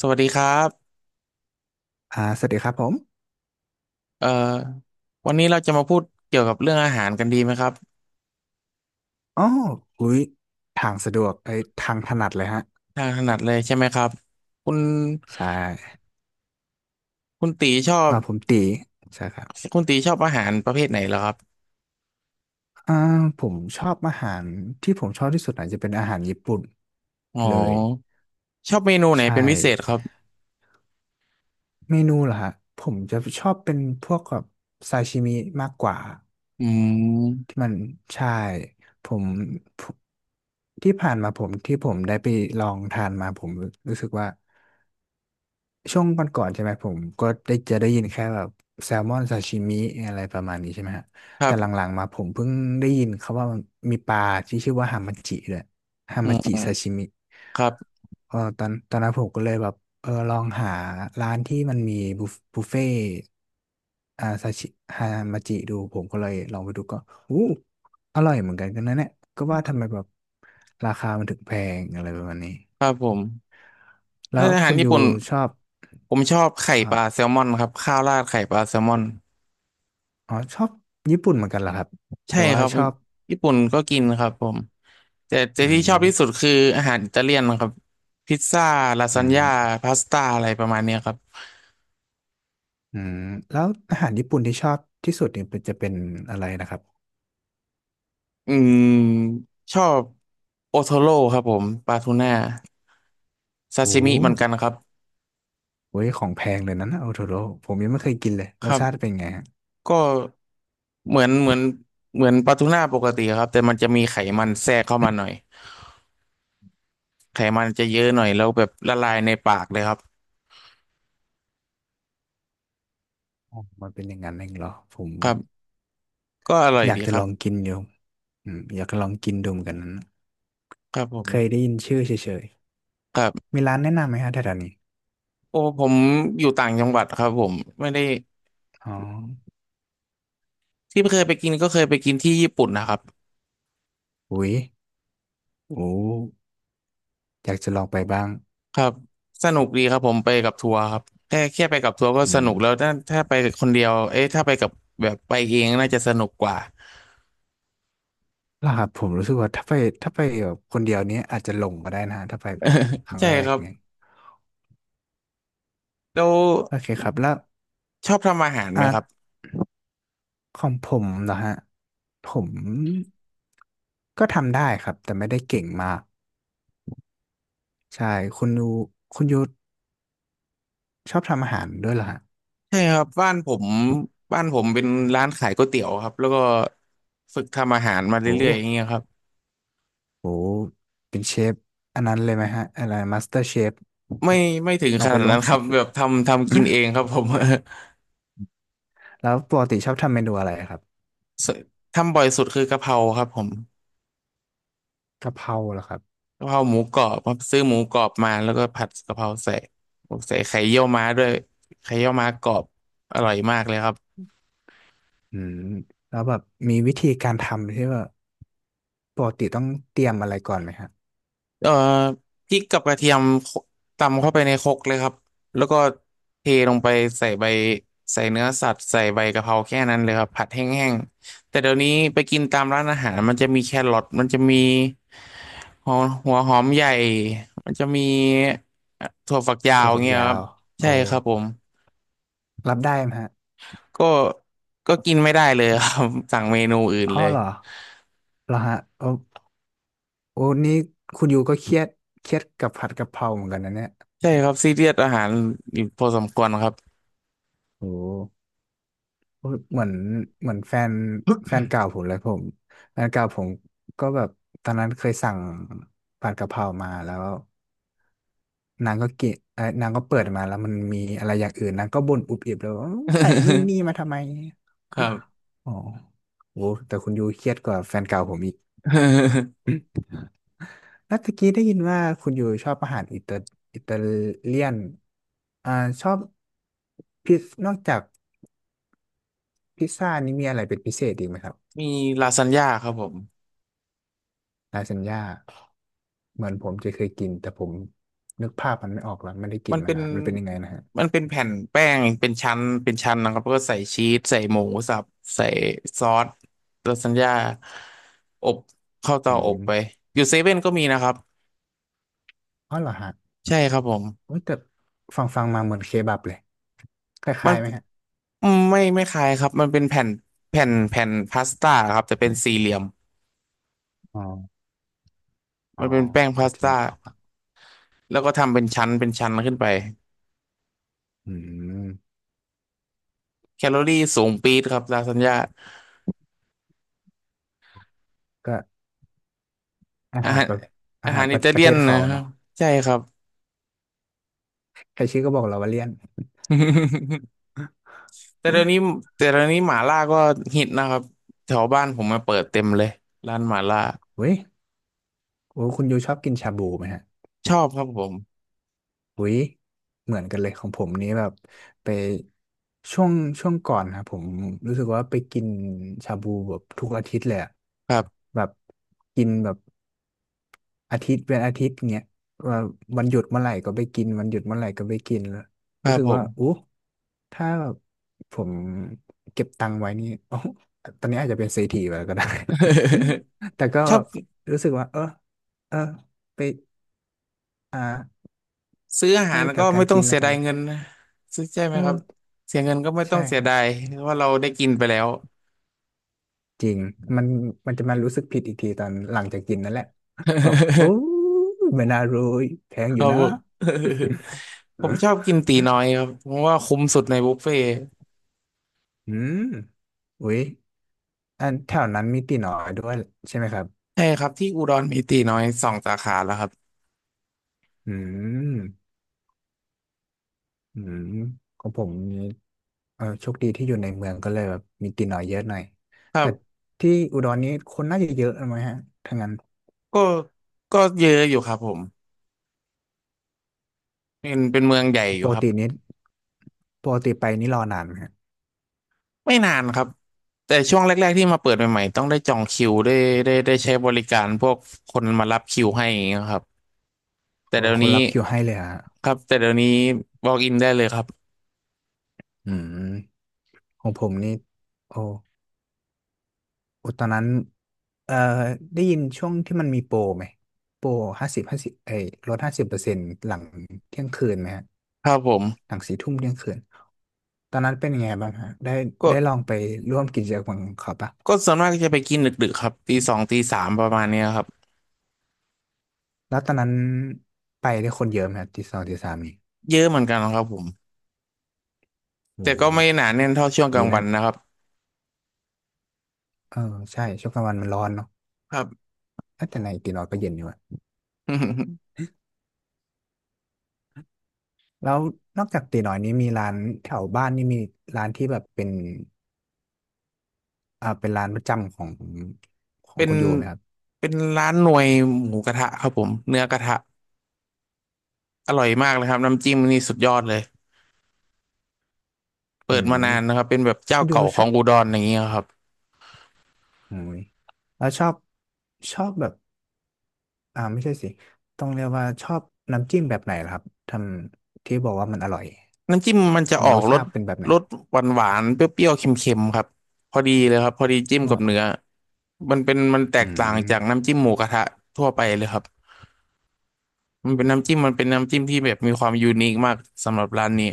สวัสดีครับสวัสดีครับผมเอ่อวันนี้เราจะมาพูดเกี่ยวกับเรื่องอาหารกันดีไหมครับอ๋ออุ้ยทางสะดวกไอ้ยทางถนัดเลยฮะ ทางถนัดเลยใช่ไหมครับคุณใช่คุณตีชอบผมตี ใช่ครับคุณตีชอบอาหารประเภทไหนเหรอครับอ่าผมชอบอาหารที่ผมชอบที่สุดอาจจะเป็นอาหารญี่ปุ่นอ๋อเลย ชอบเมนูไหนใช่ เป็นพิเศษครับเมนูเหรอฮะ ผมจะชอบเป็นพวกแบบซาชิมิมากกว่าอืมที่มันใช่ผมผมที่ผ่านมาผมที่ผมได้ไปลองทานมาผมรู้สึกว่า ช่วงก่อนๆใช่ไหมผมก็ได้จะได้ยินแค่แบบแซลมอนซาชิมิอะไรประมาณนี้ใช่ไหมฮะครัแต่หบลังๆมาผมเพิ่งได้ยินเขาว่ามันมีปลาที่ชื่อว่าฮามาจิด้วยฮาอืมาจิซามชิมิครับ เออตอนนั้นผมก็เลยแบบเออลองหาร้านที่มันมีบุฟเฟ่ต์ซาชิฮามาจิดูผมก็เลยลองไปดูก็อู้อร่อยเหมือนกันนะเนี่ยก็ว่าทำไมแบบราคามันถึงแพงอะไรประมาณนี้ครับผมถ้าแล้วอาหาคุรณญี่ยูปุ่นชอบผมชอบไข่ปลาอ่า แซลมอนครับข้าวราดไข่ปลาแซลมอน อ๋อชอบญี่ปุ่นเหมือนกันเหรอครับหใช่รือว่าครับชอบญี่ปุ่นก็กินครับผมแต่อืที่ชอบที่สุดมคืออาหารอิตาเลียนครับพิซซ่าลาซาอืนมญ่าพาสต้าอะไรประมาณเนี้ยครับอืมแล้วอาหารญี่ปุ่นที่ชอบที่สุดเนี่ยจะเป็นอะไรนะครับอืมชอบโอโทโร่ครับผมปลาทูน่าซาโอ้ชิมิเหมือนกันครับโหของแพงเลยนั้นนะโอโทโร่ผมยังไม่เคยกินเลยครสรัชาติบเป็นไงฮะก็เหมือนเหมือนปลาทูน่าปกติครับแต่มันจะมีไขมันแทรกเข้ามาหน่อยไขมันจะเยอะหน่อยแล้วแบบละลายในปากเลยครับอ๋อมันเป็นอย่างนั้นเองเหรอผมครับก็อร่อยอยากดีจะครัลองบกินอยู่อืมอยากจะลองกินดูเหมือนกันนั้นครับผเคยม ได้ยินชื่อเฉยๆมีร้านแนะนำไหมฮะแถวๆนี้โอ้ผมอยู่ต่างจังหวัดครับผมไม่ได้อ๋อที่เคยไปกินก็เคยไปกินที่ญี่ปุ่นนะครับอุ้ยโอ้อยากจะลองไปบ้างครับสนุกดีครับผมไปกับทัวร์ครับแค่ไปกับทัวร์ก็อืสนุกแล้วม ถ้าไปคนเดียวเอ๊ะถ้าไปกับแบบไปเองน่าจะสนุกกว่าหลับผมรู้สึกว่าถ้าไปถ้าไปแบบคนเดียวนี้อาจจะหลงก็ได้นะฮะถ้าไปแบบครั้งใช่แรกคอรัย่าบงเงี้ยแล้วโอเคครับแล้วชอบทำอาหารไหมอาร์คตรับของผมเหรอฮะผมก็ทำได้ครับแต่ไม่ได้เก่งมากใช่คุณยูคุณยูชอบทำอาหารด้วยเหรอฮะใช่ครับบ้านผมบ้านผมเป็นร้านขายก๋วยเตี๋ยวครับแล้วก็ฝึกทำอาหารมาโอเรื่อ้ยๆอย่างเงี้ยครับโหเป็นเชฟอันนั้นเลยไหมฮะอะไรมาสเตอร์เชฟไม่ไม่ถึงลอขงไปนาดลนั้งนครัแข่บง แบบทำกินเองครับผม แล้วปกติชอบทำเมนูอะไรครับ ทำบ่อยสุดคือกะเพราครับผม กะเพราเหรอครับกะเพราหมูกรอบครับซื้อหมูกรอบมาแล้วก็ผัดกะเพราใส่ใส่ไข่เยี่ยวม้าด้วยไข่เยี่ยวม้ากรอบอร่อยมากเลยครับอืมแล้วแบบมีวิธีการทำที่ว่า ปกติต้องเตรียมอะไรก่อนไหมฮะเอ่อพริกกับกระเทียมโคตำเข้าไปในครกเลยครับแล้วก็เทลงไปใส่ใบใส่เนื้อสัตว์ใส่ใบกะเพราแค่นั้นเลยครับผัดแห้งๆแต่เดี๋ยวนี้ไปกินตามร้านอาหารมันจะมีแครอทมันจะมีหัวหัวหอมใหญ่มันจะมีถั่วฝักยาวถั่วฝักเงี้ยยาครับวโอ้ใช่ครับผม รับได้ไหมฮะก็ก็กินไม่ได้เลยครับ สั่งเมนูอื่นอ้เลอยเหรอเหรอฮะโอ้โอ้นี่คุณยูก็เครียดกับผัดกะเพราเหมือนกันนะเนี่ยใช่ครับซีเรียสอาหารอยู่พอสมควรครับ โอ้โอ้เหมือนเหมือนแฟนแฟนเก่าผมเลยแฟนเก่าผมก็แบบตอนนั้นเคยสั่งผัดกะเพรามาแล้วนางก็กินเอ้ยนางก็เปิดมาแล้วมันมีอะไรอย่างอื่นนางก็บ่นอุบอิบแล้วาใส่นู่นนี่มา ทำไมครับ อ๋อโอ้แต่คุณยูเครียดกว่าแฟนเก่าผมอีก แล้วตะกี้ได้ยินว่าคุณอยู่ชอบอาหารอิตาเลียน อ่าชอบนอกจากพิซซ่านี้มีอะไรเป็นพิเศษอีกไหมครับมีลาซานญ่าครับผมลาซานญ่าเหมือนผมจะเคยกินแต่ผมนึกภาพมันไม่ออกแล้วไม่ได้กิมันนมาเป็นนานมันเป็นยังไงนะฮะมันเป็นแผ่นแป้งเป็นชั้นเป็นชั้นนะครับแล้วก็ใส่ชีสใส่หมูสับใส่ซอสลาซานญ่าอบเข้าอืเตาอบไปมอยู่เซเว่นก็มีนะครับอ๋อเหรอฮะใช่ครับผมโอ้ยแต่ฟังมาเหมือนเคบับเลยคมัล้านยๆไหมฮะอืมไม่คล้ายครับมันเป็นแผ่นแผ่นพาสต้าครับแต่เป็นสี่เหลี่ยม อ๋ออ๋อมันเป็นแป้งพาก็สจะนึต้ากออกอะแล้วก็ทำเป็นชั้นเป็นชั้นขึ้นไปอืมแคลอรี่สูงปี๊ดครับลาซานญ่าก็อาอาหารหารประอาอาหาหารรปอิระตาเลีเทยนศนะเขาครับเนาะใช่ครับ ใครชื่อก็บอกเราว่าเลี่ยน แต่เดี๋ยวนี้แต่เดี๋ยวนี้หม่าล่าก็ฮิตนะครับแถวบ้านผมมาเปิดเต็มเลยร้านหม่าล่าเว้ย โอ้คุณยูชอบกินชาบูไหมฮะชอบครับผมอุ้ยเหมือนกันเลยของผมนี้แบบไปช่วงช่วงก่อนนะผมรู้สึกว่าไปกินชาบูแบบทุกอาทิตย์เลยอะครับแบบกินแบบอาทิตย์เป็นอาทิตย์เงี้ยว่าวันหยุดเมื่อไหร่ก็ไปกินวันหยุดเมื่อไหร่ก็ไปกินแล้วครัรู้บสึกผว่าม อู้ถ้าแบบผมเก็บตังค์ไว้นี่ โอ้ตอนนี้อาจจะเป็นเศรษฐีไปแล้วก็ได้ แต่ก็ ชอบรู้สึกว่าเออเออไปอ่า ซื้ออาหาให้รกัก็บกาไม่รต้องกินเสีแล้วยกัดานยเงินนะซื้อใช่ไหมเอครับอเสียเงินก็ไม่ต้อใช่งเสีคยรับดายเพราะว่าเราได้กินไปแล้ว จริงมันมันจะมารู้สึกผิดอีกทีตอนหลังจากกินนั่นแหละแบบโอ้ยไม่น่ารวยแพ งคอยู่รับนะ ผม ผมชอ บกินตีน้อยครับเพราะว่าคุ้มสุดในบุฟเฟ่ต์อืมอุ้ยอันแถวนั้นมีตีน้อยด้วยใช่ไหมครับใช่ครับที่อุดรมีตีน้อยสองสาขาแล้วครับอืมอืมของผมมีเออโชคดีที่อยู่ในเมืองก็เลยแบบมีตีน้อยเยอะหน่อยครัแต่บที่อุดรนี้คนน่าจะเยอะไหมฮะถ้างั้นก็ก็เยอะอยู่ครับผมเป็นเมืองใหญ่อปยู่กครับตินี้ปกติไปนี่รอนานไหมฮะไม่นานครับแต่ช่วงแรกๆที่มาเปิดใหม่ๆต้องได้จองคิวได้ใช้บริการพวกคนมารับคิวให้อย่างเงี้ยครับแต่โอ้เดี๋ยวคนนี้รับคิวให้เลยฮะครับแต่เดี๋ยวนี้บอกอินได้เลยครับอืม ของผมนี่โอ้โอ้ตอนนั้นเอ่อได้ยินช่วงที่มันมีโปรไหมโปรห้าสิบห้าสิบไอ้ลด50%หลังเที่ยงคืนไหมฮะครับผมหลังสี่ทุ่มเที่ยงคืนตอนนั้นเป็นยังไงบ้างฮะได้ก็ลองไปร่วมกิจกรรมของเขาปะส่วนมากจะไปกินดึกๆครับตีสองตีสามประมาณเนี้ยครับแล้วตอนนั้นไปได้คนเยอะไหมฮะตีสองตีสามนี่เยอะเหมือนกันครับผม โอ้แต่ก็ไม่หนาแน่นเท่าช่วงกดีลางวันะนนะครับเออใช่ช่วงกลางวันมันร้อนเนาะครับ เอ้ยแต่ในตีน้อยก็เย็นอยู่อะ แล้วนอกจากตีน้อยนี้มีร้านแถวบ้านนี่มีร้านที่แบบเป็น เป็นร้านประจำของเป็นคุณโยไหมครับเป็นร้านหน่วยหมูกระทะครับผมเนื้อกระทะอร่อยมากเลยครับน้ำจิ้มนี่สุดยอดเลยเปิอืดมามนานนะครับเป็นแบบเจ้าคุณโยเก่าขชอองบอุดรอย่างเงี้ยครับอืมแล้วชอบแบบไม่ใช่สิต้องเรียกว่าชอบน้ำจิ้มแบบไหนล่ะครับทำที่บอกว่ามันอร่อยน้ำจิ้มมันจะอมันอรกสรชาสติเป็นแบบไหนรสหวานหวานเปรี้ยวๆเค็มๆครับพอดีเลยครับพอดีจิ้มก็กับเนื้อมันเป็นมันแตอืกต่างจากมน้ำจิ้มหมูกระทะทั่วไปเลยครับมันเป็นน้ำจิ้มที่แบบมีความยูนิคมากสำหรับร้านนี้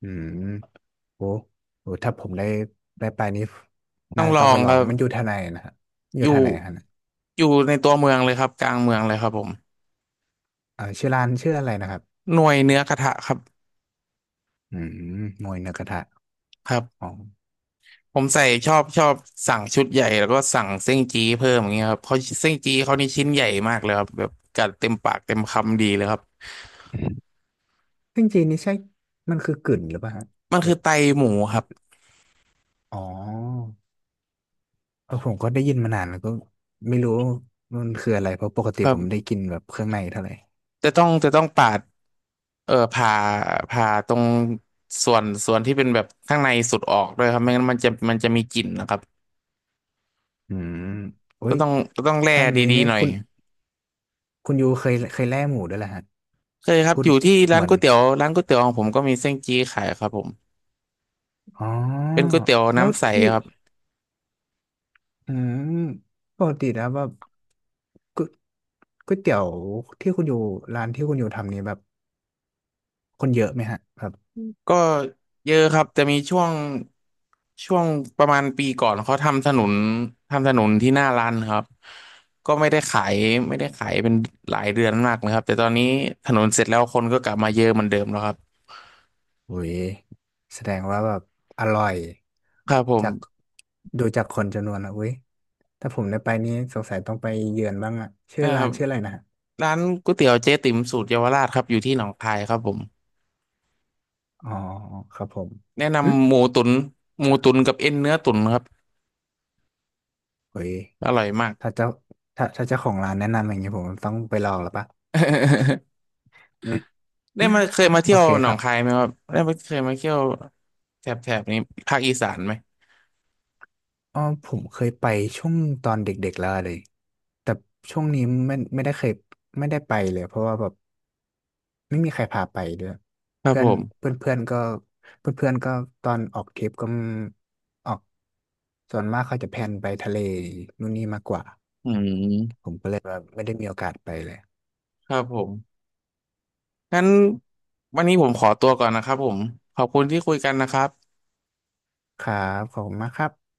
อืมโอ้โหถ้าผมได้ไปนี้ต้น่าองลต้ององไปลคองรับ มันอยู่ทางไหนนะครับอยู่อทายู่งไหนครับอยู่ในตัวเมืองเลยครับกลางเมืองเลยครับผมชื่อร้านชื่ออะไรนะครับหน่วยเนื้อกระทะครับอืมมวยเนื้อกระทะครัอ๋บอผมใส่ชอบชอบสั่งชุดใหญ่แล้วก็สั่งเส้นจี้เพิ่มอย่างเงี้ยครับเขาเส้นจี้เขานี่ชิ้นใหญ่มากเลยครับแบบกัดเต็มปากเต็มคำดีเลยครับซึ่งจีนนี่ใช่มันคือกึ่นหรือเปล่าฮะมันหรือ คือไตหมูครับอ๋อเออผมก็ได้ยินมานานแล้วก็ไม่รู้มันคืออะไรเพราะปกติครัผมไม่ได้บกินแบบเครื่องในเท่าไหร่จะต้องปาดเออผ่าผ่าตรงส่วนที่เป็นแบบข้างในสุดออกด้วยครับไม่งั้นมันจะมีกลิ่นนะครับอืมโอ้ก็ยต้องก็ต้องแล่ถ้างี้ดีเนี่ยๆหน่อยคุณยูเคยแล่หมูด้วยเหรอฮะเคยครับพูอดยู่ที่ร้าเหนมือนก๋วยเตี๋ยวร้านก๋วยเตี๋ยวของผมก็มีเส้นจี้ขายครับผม อ๋อเป็นก๋วยเตี๋ยวแล้วน้ำใสที่ครับอืมปกติแล้วแบบก๋วยก๋วยเตี๋ยวที่คุณอยู่ร้านที่คุณอยู่ทำนี้แบบคนเยอะไหมฮะแบบก็เยอะครับจะมีช่วงประมาณปีก่อนเขาทำถนนทำถนนที่หน้าร้านครับก็ไม่ได้ขายเป็นหลายเดือนมากนะครับแต่ตอนนี้ถนนเสร็จแล้วคนก็กลับมาเยอะเหมือนเดิมแล้วครับโอ้ยแสดงว่าแบบอร่อยครับผมจากดูจากคนจำนวนแล้วเว้ย ถ้าผมได้ไปนี้สงสัยต้องไปเยือนบ้างอะชื่อนะคร้ารันบชื่ออะไรนะฮะร้านก๋วยเตี๋ยวเจ๊ติ๋มสูตรเยาวราชครับอยู่ที่หนองคายครับผมอ๋อครับผมแนะหึนำหมูตุ๋นหมูตุ๋นกับเอ็นเนื้อตุ๋นครับเฮ้ยอร่อยมาก ถ้าเจ้าถ้าเจ้าของร้านแนะนำอย่างนี้ผมต้องไปลองแล้วปะ อืมได้มาเคยมาโอเที่ยวเคหนคอรังคายบไหมครับได้มาเคยมาเที่ยวแถบนี้ภาคอีสานไหมอ๋อผมเคยไปช่วงตอนเด็กๆแล้วเลยแต่ช่วงนี้ไม่ได้เคยไม่ได้ไปเลยเพราะว่าแบบไม่มีใครพาไปด้วยครับเพื่อผนมเพื่อนเพื่อนก็เพื่อนเพื่อนก็ตอนออกทริปก็ออกส่วนมากเขาจะแพลนไปทะเลนู่นนี่มากกว่า อืมผมก็เลยแบบไม่ได้มีโอกาสไปเลยครับผมงั้นวันนี้ผมขอตัวก่อนนะครับผมขอบคุณที่คุยกันนะครับครับขอบคุณมากครับ